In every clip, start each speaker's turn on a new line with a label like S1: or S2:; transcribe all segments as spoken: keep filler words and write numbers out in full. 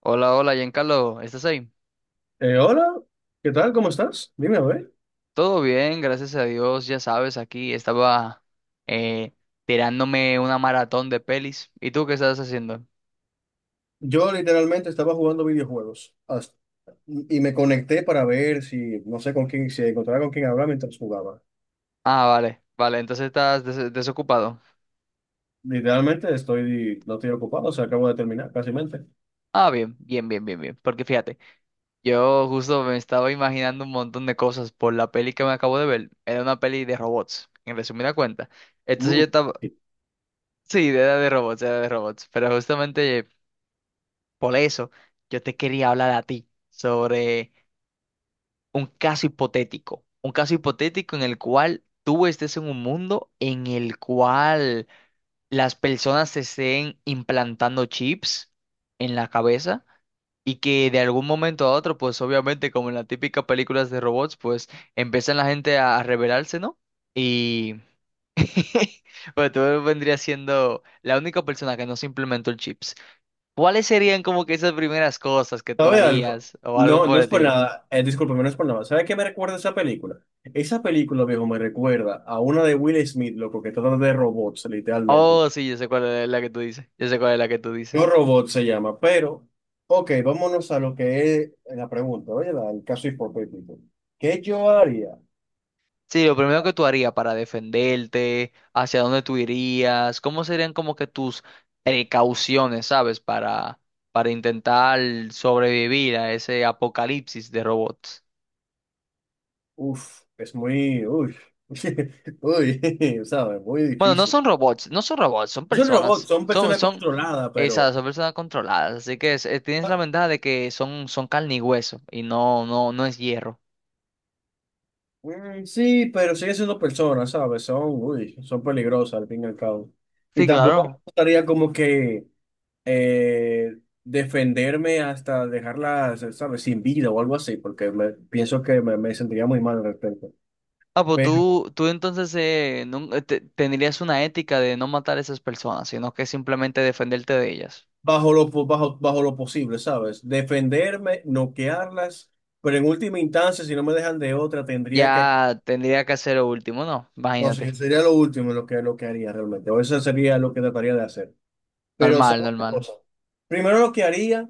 S1: Hola, hola, Giancarlo, ¿estás ahí?
S2: Eh, hola, ¿qué tal? ¿Cómo estás? Dime a ver.
S1: Todo bien, gracias a Dios, ya sabes, aquí estaba eh, tirándome una maratón de pelis. ¿Y tú qué estás haciendo?
S2: Yo literalmente estaba jugando videojuegos hasta- y me conecté para ver si, no sé con quién, si encontraba con quién hablar mientras jugaba.
S1: Ah, vale, vale, entonces estás des- desocupado.
S2: Literalmente estoy, no estoy ocupado, o sea, acabo de terminar, casi mente.
S1: Ah, bien, bien, bien, bien, bien, porque fíjate, yo justo me estaba imaginando un montón de cosas por la peli que me acabo de ver. Era una peli de robots, en resumida cuenta. Entonces
S2: Mm.
S1: yo estaba, sí, era de robots, era de robots, pero justamente por eso yo te quería hablar a ti sobre un caso hipotético, un caso hipotético en el cual tú estés en un mundo en el cual las personas se estén implantando chips en la cabeza y que de algún momento a otro, pues obviamente como en las típicas películas de robots, pues empiezan la gente a rebelarse, ¿no? Y pues tú vendrías siendo la única persona que no se implementó el chips. ¿Cuáles serían como que esas primeras cosas que tú
S2: ¿Sabe algo?
S1: harías o algo
S2: No,
S1: por
S2: no
S1: el
S2: es por
S1: estilo?
S2: nada, eh, discúlpame, no es por nada. ¿Sabe qué me recuerda esa película? Esa película, viejo, me recuerda a una de Will Smith, loco, que trata de robots, literalmente.
S1: Oh, sí, yo sé cuál es la que tú dices. Yo sé cuál es la que tú dices.
S2: No Robot se llama, pero, ok, vámonos a lo que es la pregunta, oye, la- el caso hipotético. ¿Qué yo haría?
S1: Sí, lo primero que tú harías para defenderte, hacia dónde tú irías, cómo serían como que tus precauciones, ¿sabes? Para, para intentar sobrevivir a ese apocalipsis de robots.
S2: Uf, es muy, uy, uy, ¿sabes? Muy
S1: Bueno, no
S2: difícil.
S1: son robots, no son robots, son
S2: No son robots,
S1: personas.
S2: son
S1: Son,
S2: personas
S1: son,
S2: controladas,
S1: esas,
S2: pero,
S1: son personas controladas. Así que es- eh, tienes la
S2: ah,
S1: ventaja de que son, son carne y hueso y no, no, no es hierro.
S2: mm, sí, pero siguen siendo personas, ¿sabes? Son, uy, son peligrosas al fin y al cabo. Y
S1: Sí,
S2: tampoco me
S1: claro.
S2: gustaría como que eh, defenderme hasta dejarla, ¿sabes? Sin vida o algo así, porque me, pienso que me, me sentiría muy mal al respecto.
S1: Ah, pues
S2: Pero
S1: tú, tú entonces eh, nun- eh, te- tendrías una ética de no matar a esas personas, sino que simplemente defenderte de ellas.
S2: bajo lo, po- bajo, bajo lo posible, ¿sabes? Defenderme, noquearlas, pero en última instancia, si no me dejan de otra, tendría que...
S1: Ya tendría que hacer lo último, ¿no?
S2: No
S1: Imagínate.
S2: sé, sería lo último lo que, lo que haría realmente, o eso sería lo que trataría de hacer. Pero, ¿sabes
S1: Normal,
S2: una
S1: normal.
S2: cosa? Primero lo que haría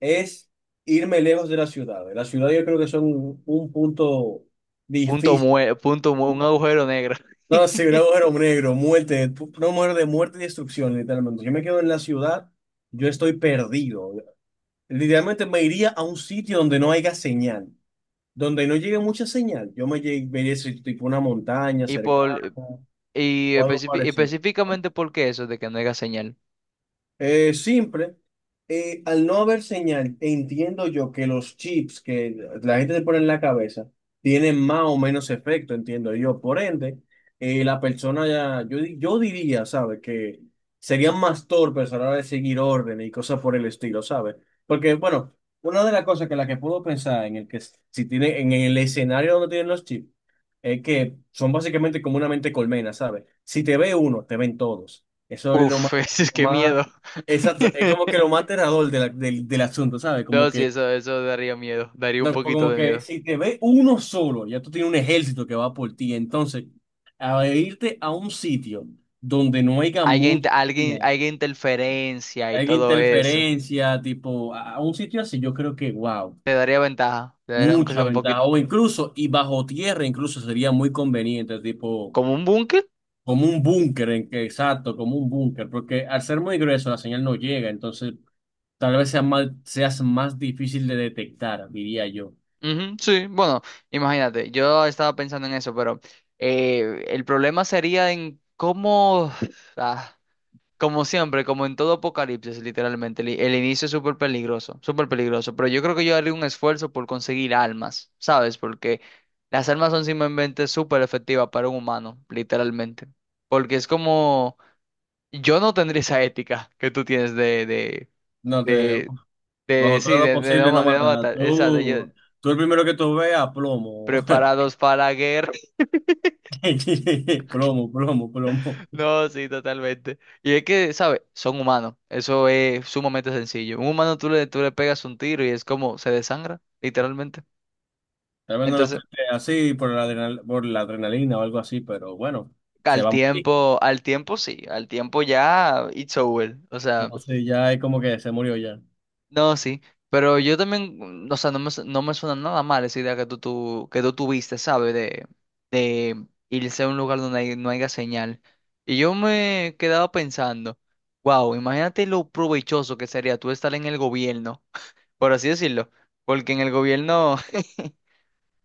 S2: es irme lejos de la ciudad. La ciudad yo creo que son un un punto
S1: Punto
S2: difícil.
S1: mue- punto mu- Un agujero negro.
S2: No, sí, un agujero negro, muerte, pu- una muerte de muerte y destrucción, literalmente. Yo me quedo en la ciudad, yo estoy perdido. Literalmente me iría a un sitio donde no haya señal, donde no llegue mucha señal. Yo me, lle- me iría a ese tipo una montaña
S1: Y por
S2: cercana
S1: y
S2: o algo
S1: especifi-
S2: parecido. ¿No?
S1: específicamente por qué eso de que no haya señal.
S2: Eh, simple. Eh, al no haber señal, entiendo yo que los chips que la gente se pone en la cabeza tienen más o menos efecto, entiendo yo. Por ende, eh, la persona ya, yo, di- yo diría, ¿sabes? Que serían más torpes a la hora de seguir órdenes y cosas por el estilo, ¿sabes? Porque, bueno, una de las cosas que la que puedo pensar en el que s- si tiene, en el escenario donde tienen los chips, es que son básicamente como una mente colmena, ¿sabes? Si te ve uno, te ven todos. Eso es lo
S1: Uf,
S2: más,
S1: es
S2: lo
S1: que
S2: más
S1: miedo.
S2: exacto, es como que lo más aterrador de la- del, del asunto, ¿sabes?
S1: No,
S2: Como
S1: sí,
S2: que,
S1: eso, eso daría miedo, daría un
S2: no,
S1: poquito
S2: como
S1: de
S2: que
S1: miedo.
S2: si te ve uno solo, ya tú tienes un ejército que va por ti. Entonces, a irte a un sitio donde no haya
S1: Alguien,
S2: mucha
S1: alguien,
S2: señal,
S1: alguien interferencia y
S2: haya
S1: todo eso.
S2: interferencia, tipo, a, a un sitio así, yo creo que, wow,
S1: Te daría ventaja. Te daría aunque
S2: mucha
S1: sea un
S2: ventaja.
S1: poquito.
S2: O incluso, y bajo tierra, incluso sería muy conveniente, tipo.
S1: ¿Como un búnker?
S2: Como un búnker, en que- exacto, como un búnker, porque al ser muy grueso la señal no llega, entonces tal vez sea más, seas más difícil de detectar, diría yo.
S1: Ujú, sí, bueno, imagínate. Yo estaba pensando en eso, pero eh, el problema sería en cómo. ah, Como siempre, como en todo apocalipsis, literalmente. El, i- el inicio es súper peligroso, súper peligroso. Pero yo creo que yo haría un esfuerzo por conseguir almas, ¿sabes? Porque las almas son simplemente súper efectivas para un humano, literalmente. Porque es como. Yo no tendría esa ética que tú tienes de, de,
S2: No te,
S1: de De,
S2: bajo
S1: sí,
S2: todo lo
S1: de, de no,
S2: posible, no
S1: ma- de no
S2: matar.
S1: matar, exacto, yo,
S2: Tú, tú el primero que tú veas, plomo.
S1: preparados para la guerra.
S2: Plomo, plomo, plomo.
S1: No, sí, totalmente. Y es que, ¿sabes? Son humanos, eso es sumamente sencillo. Un humano tú le, tú le pegas un tiro y es como se desangra, literalmente.
S2: Tal vez no las
S1: Entonces,
S2: peste así por la adrenal- por la adrenalina o algo así, pero bueno, se
S1: al
S2: va a morir.
S1: tiempo, al tiempo sí, al tiempo ya, it's over. O sea,
S2: No sé, ya es como que se murió ya.
S1: no, sí. Pero yo también, o sea, no me, su- no me suena nada mal esa idea que tú, tú, que tú tuviste, ¿sabes? Em, irse a un lugar donde hay- no haya señal. Y yo me quedaba pensando, wow, imagínate lo provechoso que sería tú estar en el gobierno, por así decirlo, porque en el gobierno,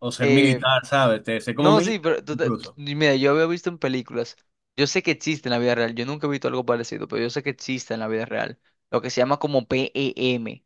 S2: O ser
S1: eh,
S2: militar, ¿sabes? Te, sé como
S1: no, sí,
S2: militar,
S1: pero tú te- tú-
S2: incluso.
S1: mira, yo había visto en películas, yo sé que existe en la vida real, yo nunca he visto algo parecido, pero yo sé que existe en la vida real, lo que se llama como P E M,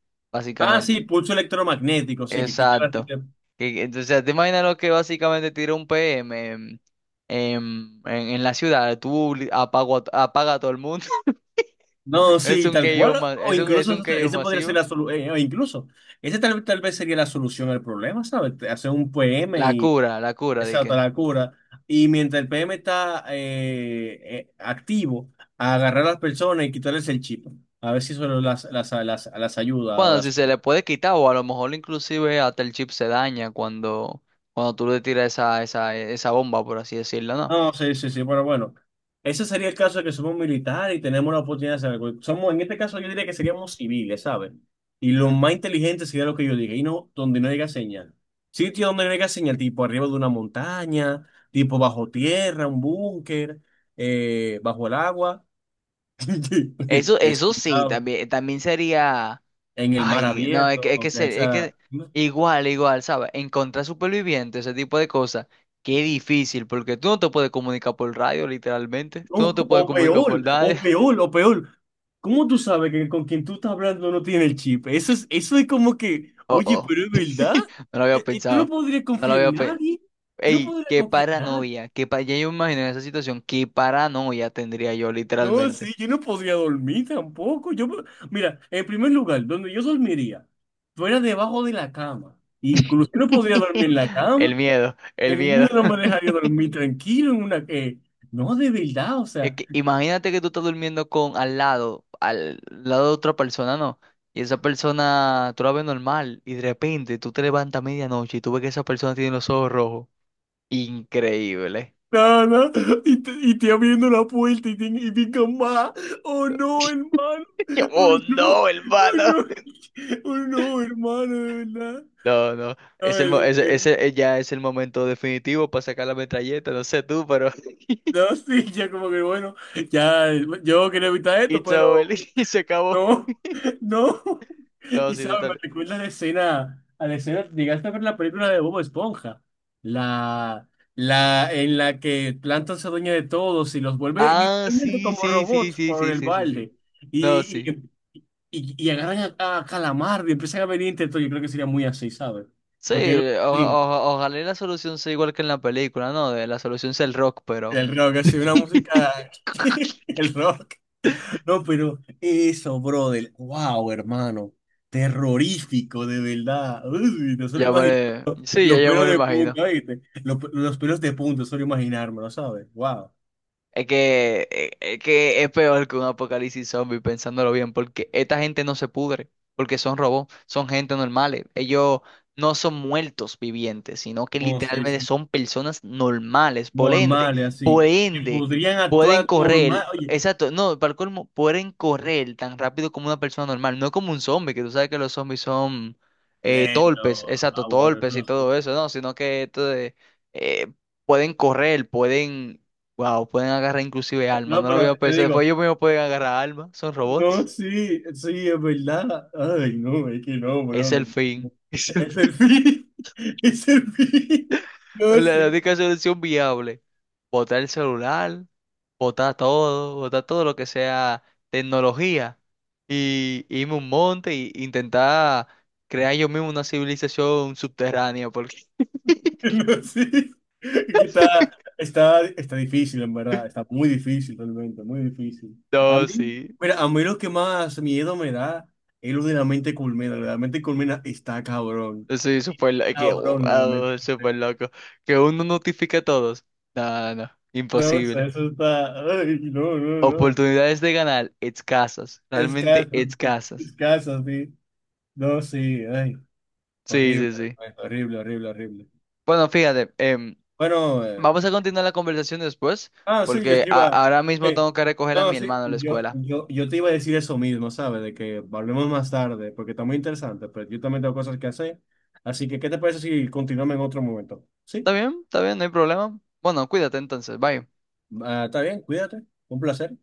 S2: Ah, sí,
S1: básicamente.
S2: pulso electromagnético, sí, que quita la...
S1: Exacto.
S2: tele-
S1: Que- Entonces, te imaginas lo que básicamente tira un P M en, en, en- en la ciudad. Tú li- apago, a- apaga a todo el mundo.
S2: No,
S1: Es
S2: sí,
S1: un
S2: tal
S1: K O,
S2: cual.
S1: ma-
S2: O
S1: es un, es
S2: incluso
S1: un
S2: eso-
S1: K O
S2: ese podría ser
S1: masivo.
S2: la solución. O incluso, ese tal, tal vez sería la solución al problema, ¿sabes? Te- Hacer un P M
S1: La
S2: y
S1: cura, la cura, de
S2: esa
S1: que.
S2: otra la cura. Y mientras el P M está eh, eh, activo, a agarrar a las personas y quitarles el chip. A ver si eso las, las, las, las ayuda o
S1: Bueno, si
S2: las...
S1: se le puede quitar, o a lo mejor inclusive hasta el chip se daña cuando, cuando tú le tiras esa, esa, esa bomba, por así decirlo, ¿no?
S2: No, sí, sí, sí, pero bueno, ese sería el caso de que somos militares y tenemos la oportunidad de hacer algo. Somos, en este caso yo diría que seríamos civiles, ¿sabes? Y lo más inteligente sería lo que yo diga, y no donde no llega señal. Sitio donde no llega señal, tipo arriba de una montaña, tipo bajo tierra, un búnker, eh, bajo el agua,
S1: Eso,
S2: que
S1: eso
S2: sí,
S1: sí,
S2: ¿sabes?
S1: también, también sería.
S2: En el mar
S1: Ay, no, es
S2: abierto,
S1: que, es que,
S2: aunque
S1: se- es
S2: esa...
S1: que igual, igual, ¿sabes? Encontrar supervivientes, ese tipo de cosas, qué difícil, porque tú no te puedes comunicar por radio, literalmente.
S2: No,
S1: Tú no te puedes
S2: o
S1: comunicar
S2: peor,
S1: por nadie.
S2: o peor, o peor. ¿Cómo tú sabes que con quien tú estás hablando no tiene el chip? Eso es, eso es como que,
S1: Oh,
S2: oye,
S1: oh.
S2: pero es verdad.
S1: No lo había
S2: Eh, eh, Tú no
S1: pensado.
S2: podrías
S1: No lo
S2: confiar
S1: había
S2: en
S1: pensado.
S2: nadie. Tú no
S1: Ey,
S2: podrías
S1: qué
S2: confiar en nadie.
S1: paranoia. Qué pa- ya yo me imagino en esa situación, qué paranoia tendría yo,
S2: No,
S1: literalmente.
S2: sí, yo no podría dormir tampoco. Yo, me- mira, en primer lugar, donde yo dormiría, fuera debajo de la cama. Incluso yo no podría dormir en la
S1: El
S2: cama.
S1: miedo, el
S2: El
S1: miedo.
S2: miedo no me dejaría dormir tranquilo en una... eh, no, de verdad, o
S1: Es
S2: sea.
S1: que imagínate que tú estás durmiendo con al lado, al lado de otra persona, ¿no? Y esa persona, tú la ves normal y de repente tú te levantas a medianoche y tú ves que esa persona tiene los ojos rojos. Increíble.
S2: No, no. Y, t- y te abriendo la puerta y, te- y pican más. Oh no, hermano.
S1: Yo,
S2: Oh
S1: oh,
S2: no.
S1: no,
S2: Oh
S1: hermano.
S2: no. Oh no, hermano, de verdad.
S1: No, no.
S2: No,
S1: Es el, mo-
S2: es
S1: ese,
S2: terrible.
S1: ese eh, Ya es el momento definitivo para sacar la metralleta. No sé tú, pero...
S2: No, sí, ya como que bueno, ya yo quería evitar esto,
S1: It's over.
S2: pero
S1: Y se acabó.
S2: no, no.
S1: No,
S2: Y
S1: sí,
S2: sabes, me
S1: total.
S2: recuerda a la escena, a la escena, llegaste a ver la película de Bob Esponja, la, la en la que Plankton se dueña de todos y los vuelve
S1: Ah,
S2: literalmente
S1: sí,
S2: como
S1: sí, sí,
S2: robots
S1: sí,
S2: por
S1: sí,
S2: el
S1: sí, sí, sí.
S2: balde.
S1: No,
S2: Y,
S1: sí.
S2: y, y- y agarran a, a Calamardo y empiezan a venir intentos. Yo creo que sería muy así, ¿sabes?
S1: Sí,
S2: Porque es lo
S1: o-
S2: que digo,
S1: o- ojalá y la solución sea igual que en la película, ¿no? De- La solución sea el rock, pero
S2: el rock, así, una música, el rock. No, pero eso, brother. Wow, hermano. Terrorífico, de verdad. Uy, no solo
S1: ya
S2: imagino.
S1: me... Sí, ya,
S2: Los
S1: ya me
S2: pelos
S1: lo
S2: de
S1: imagino.
S2: punta, ¿viste? Los, pe- los pelos de punta, no solo imaginármelo, ¿sabes? Wow.
S1: Es que, eh, es que es peor que un apocalipsis zombie, pensándolo bien, porque esta gente no se pudre, porque son robots, son gente normales. Ellos no son muertos vivientes, sino que
S2: No, sí,
S1: literalmente
S2: sí.
S1: son personas normales. Por ende,
S2: Normales,
S1: por
S2: así. Que
S1: ende,
S2: podrían
S1: pueden
S2: actuar normal.
S1: correr,
S2: Oye,
S1: exacto, no, para el colmo, pueden correr tan rápido como una persona normal, no como un zombie, que tú sabes que los zombies son eh,
S2: lento,
S1: torpes, exacto, torpes y
S2: aborretoso.
S1: todo eso, no, sino que esto de, eh, pueden correr, pueden wow, pueden agarrar inclusive alma.
S2: No,
S1: No lo
S2: pero
S1: había
S2: te
S1: pensado. Después
S2: digo,
S1: ellos mismos pueden agarrar alma. Son
S2: no,
S1: robots.
S2: sí, sí, es verdad. Ay, no, es que no,
S1: Es el
S2: brother.
S1: fin. Es el
S2: Es el
S1: fin.
S2: fin. Es el fin. No,
S1: La, la
S2: sí.
S1: única solución viable. Botar el celular, botar todo, botar todo lo que sea tecnología. Y irme a un monte e intentar crear yo mismo una civilización subterránea. Porque
S2: No, sí. Está, está, está difícil, en verdad. Está muy difícil, realmente, muy difícil. A
S1: no,
S2: mí,
S1: sí.
S2: mira, a mí lo que más miedo me da es lo de la mente culmina. Lo de la mente culmina está cabrón.
S1: Eso es súper lo- que,
S2: Cabrón, lo de la mente
S1: wow,
S2: culmina.
S1: súper loco. Que uno notifique a todos. No, no,
S2: No, o sea,
S1: imposible.
S2: eso está. Ay, no, no, no.
S1: Oportunidades de ganar escasas, realmente
S2: Escaso, sí.
S1: escasas.
S2: Escaso, sí. No, sí, ay.
S1: Sí,
S2: Horrible,
S1: sí, sí.
S2: horrible, horrible, horrible.
S1: Bueno, fíjate, em,
S2: Bueno, eh,
S1: vamos a continuar la conversación después,
S2: ah, sí, yo
S1: porque
S2: te
S1: a-
S2: iba.
S1: ahora mismo
S2: eh,
S1: tengo que recoger a
S2: No,
S1: mi
S2: sí,
S1: hermano a la
S2: yo,
S1: escuela.
S2: yo, yo te iba a decir eso mismo, ¿sabes? De que hablemos más tarde, porque está muy interesante, pero yo también tengo cosas que hacer. Así que, ¿qué te parece si continuamos en otro momento?
S1: ¿Está
S2: Sí,
S1: bien? ¿Está bien? No hay problema. Bueno, cuídate entonces, bye.
S2: ah, está bien, cuídate, un placer.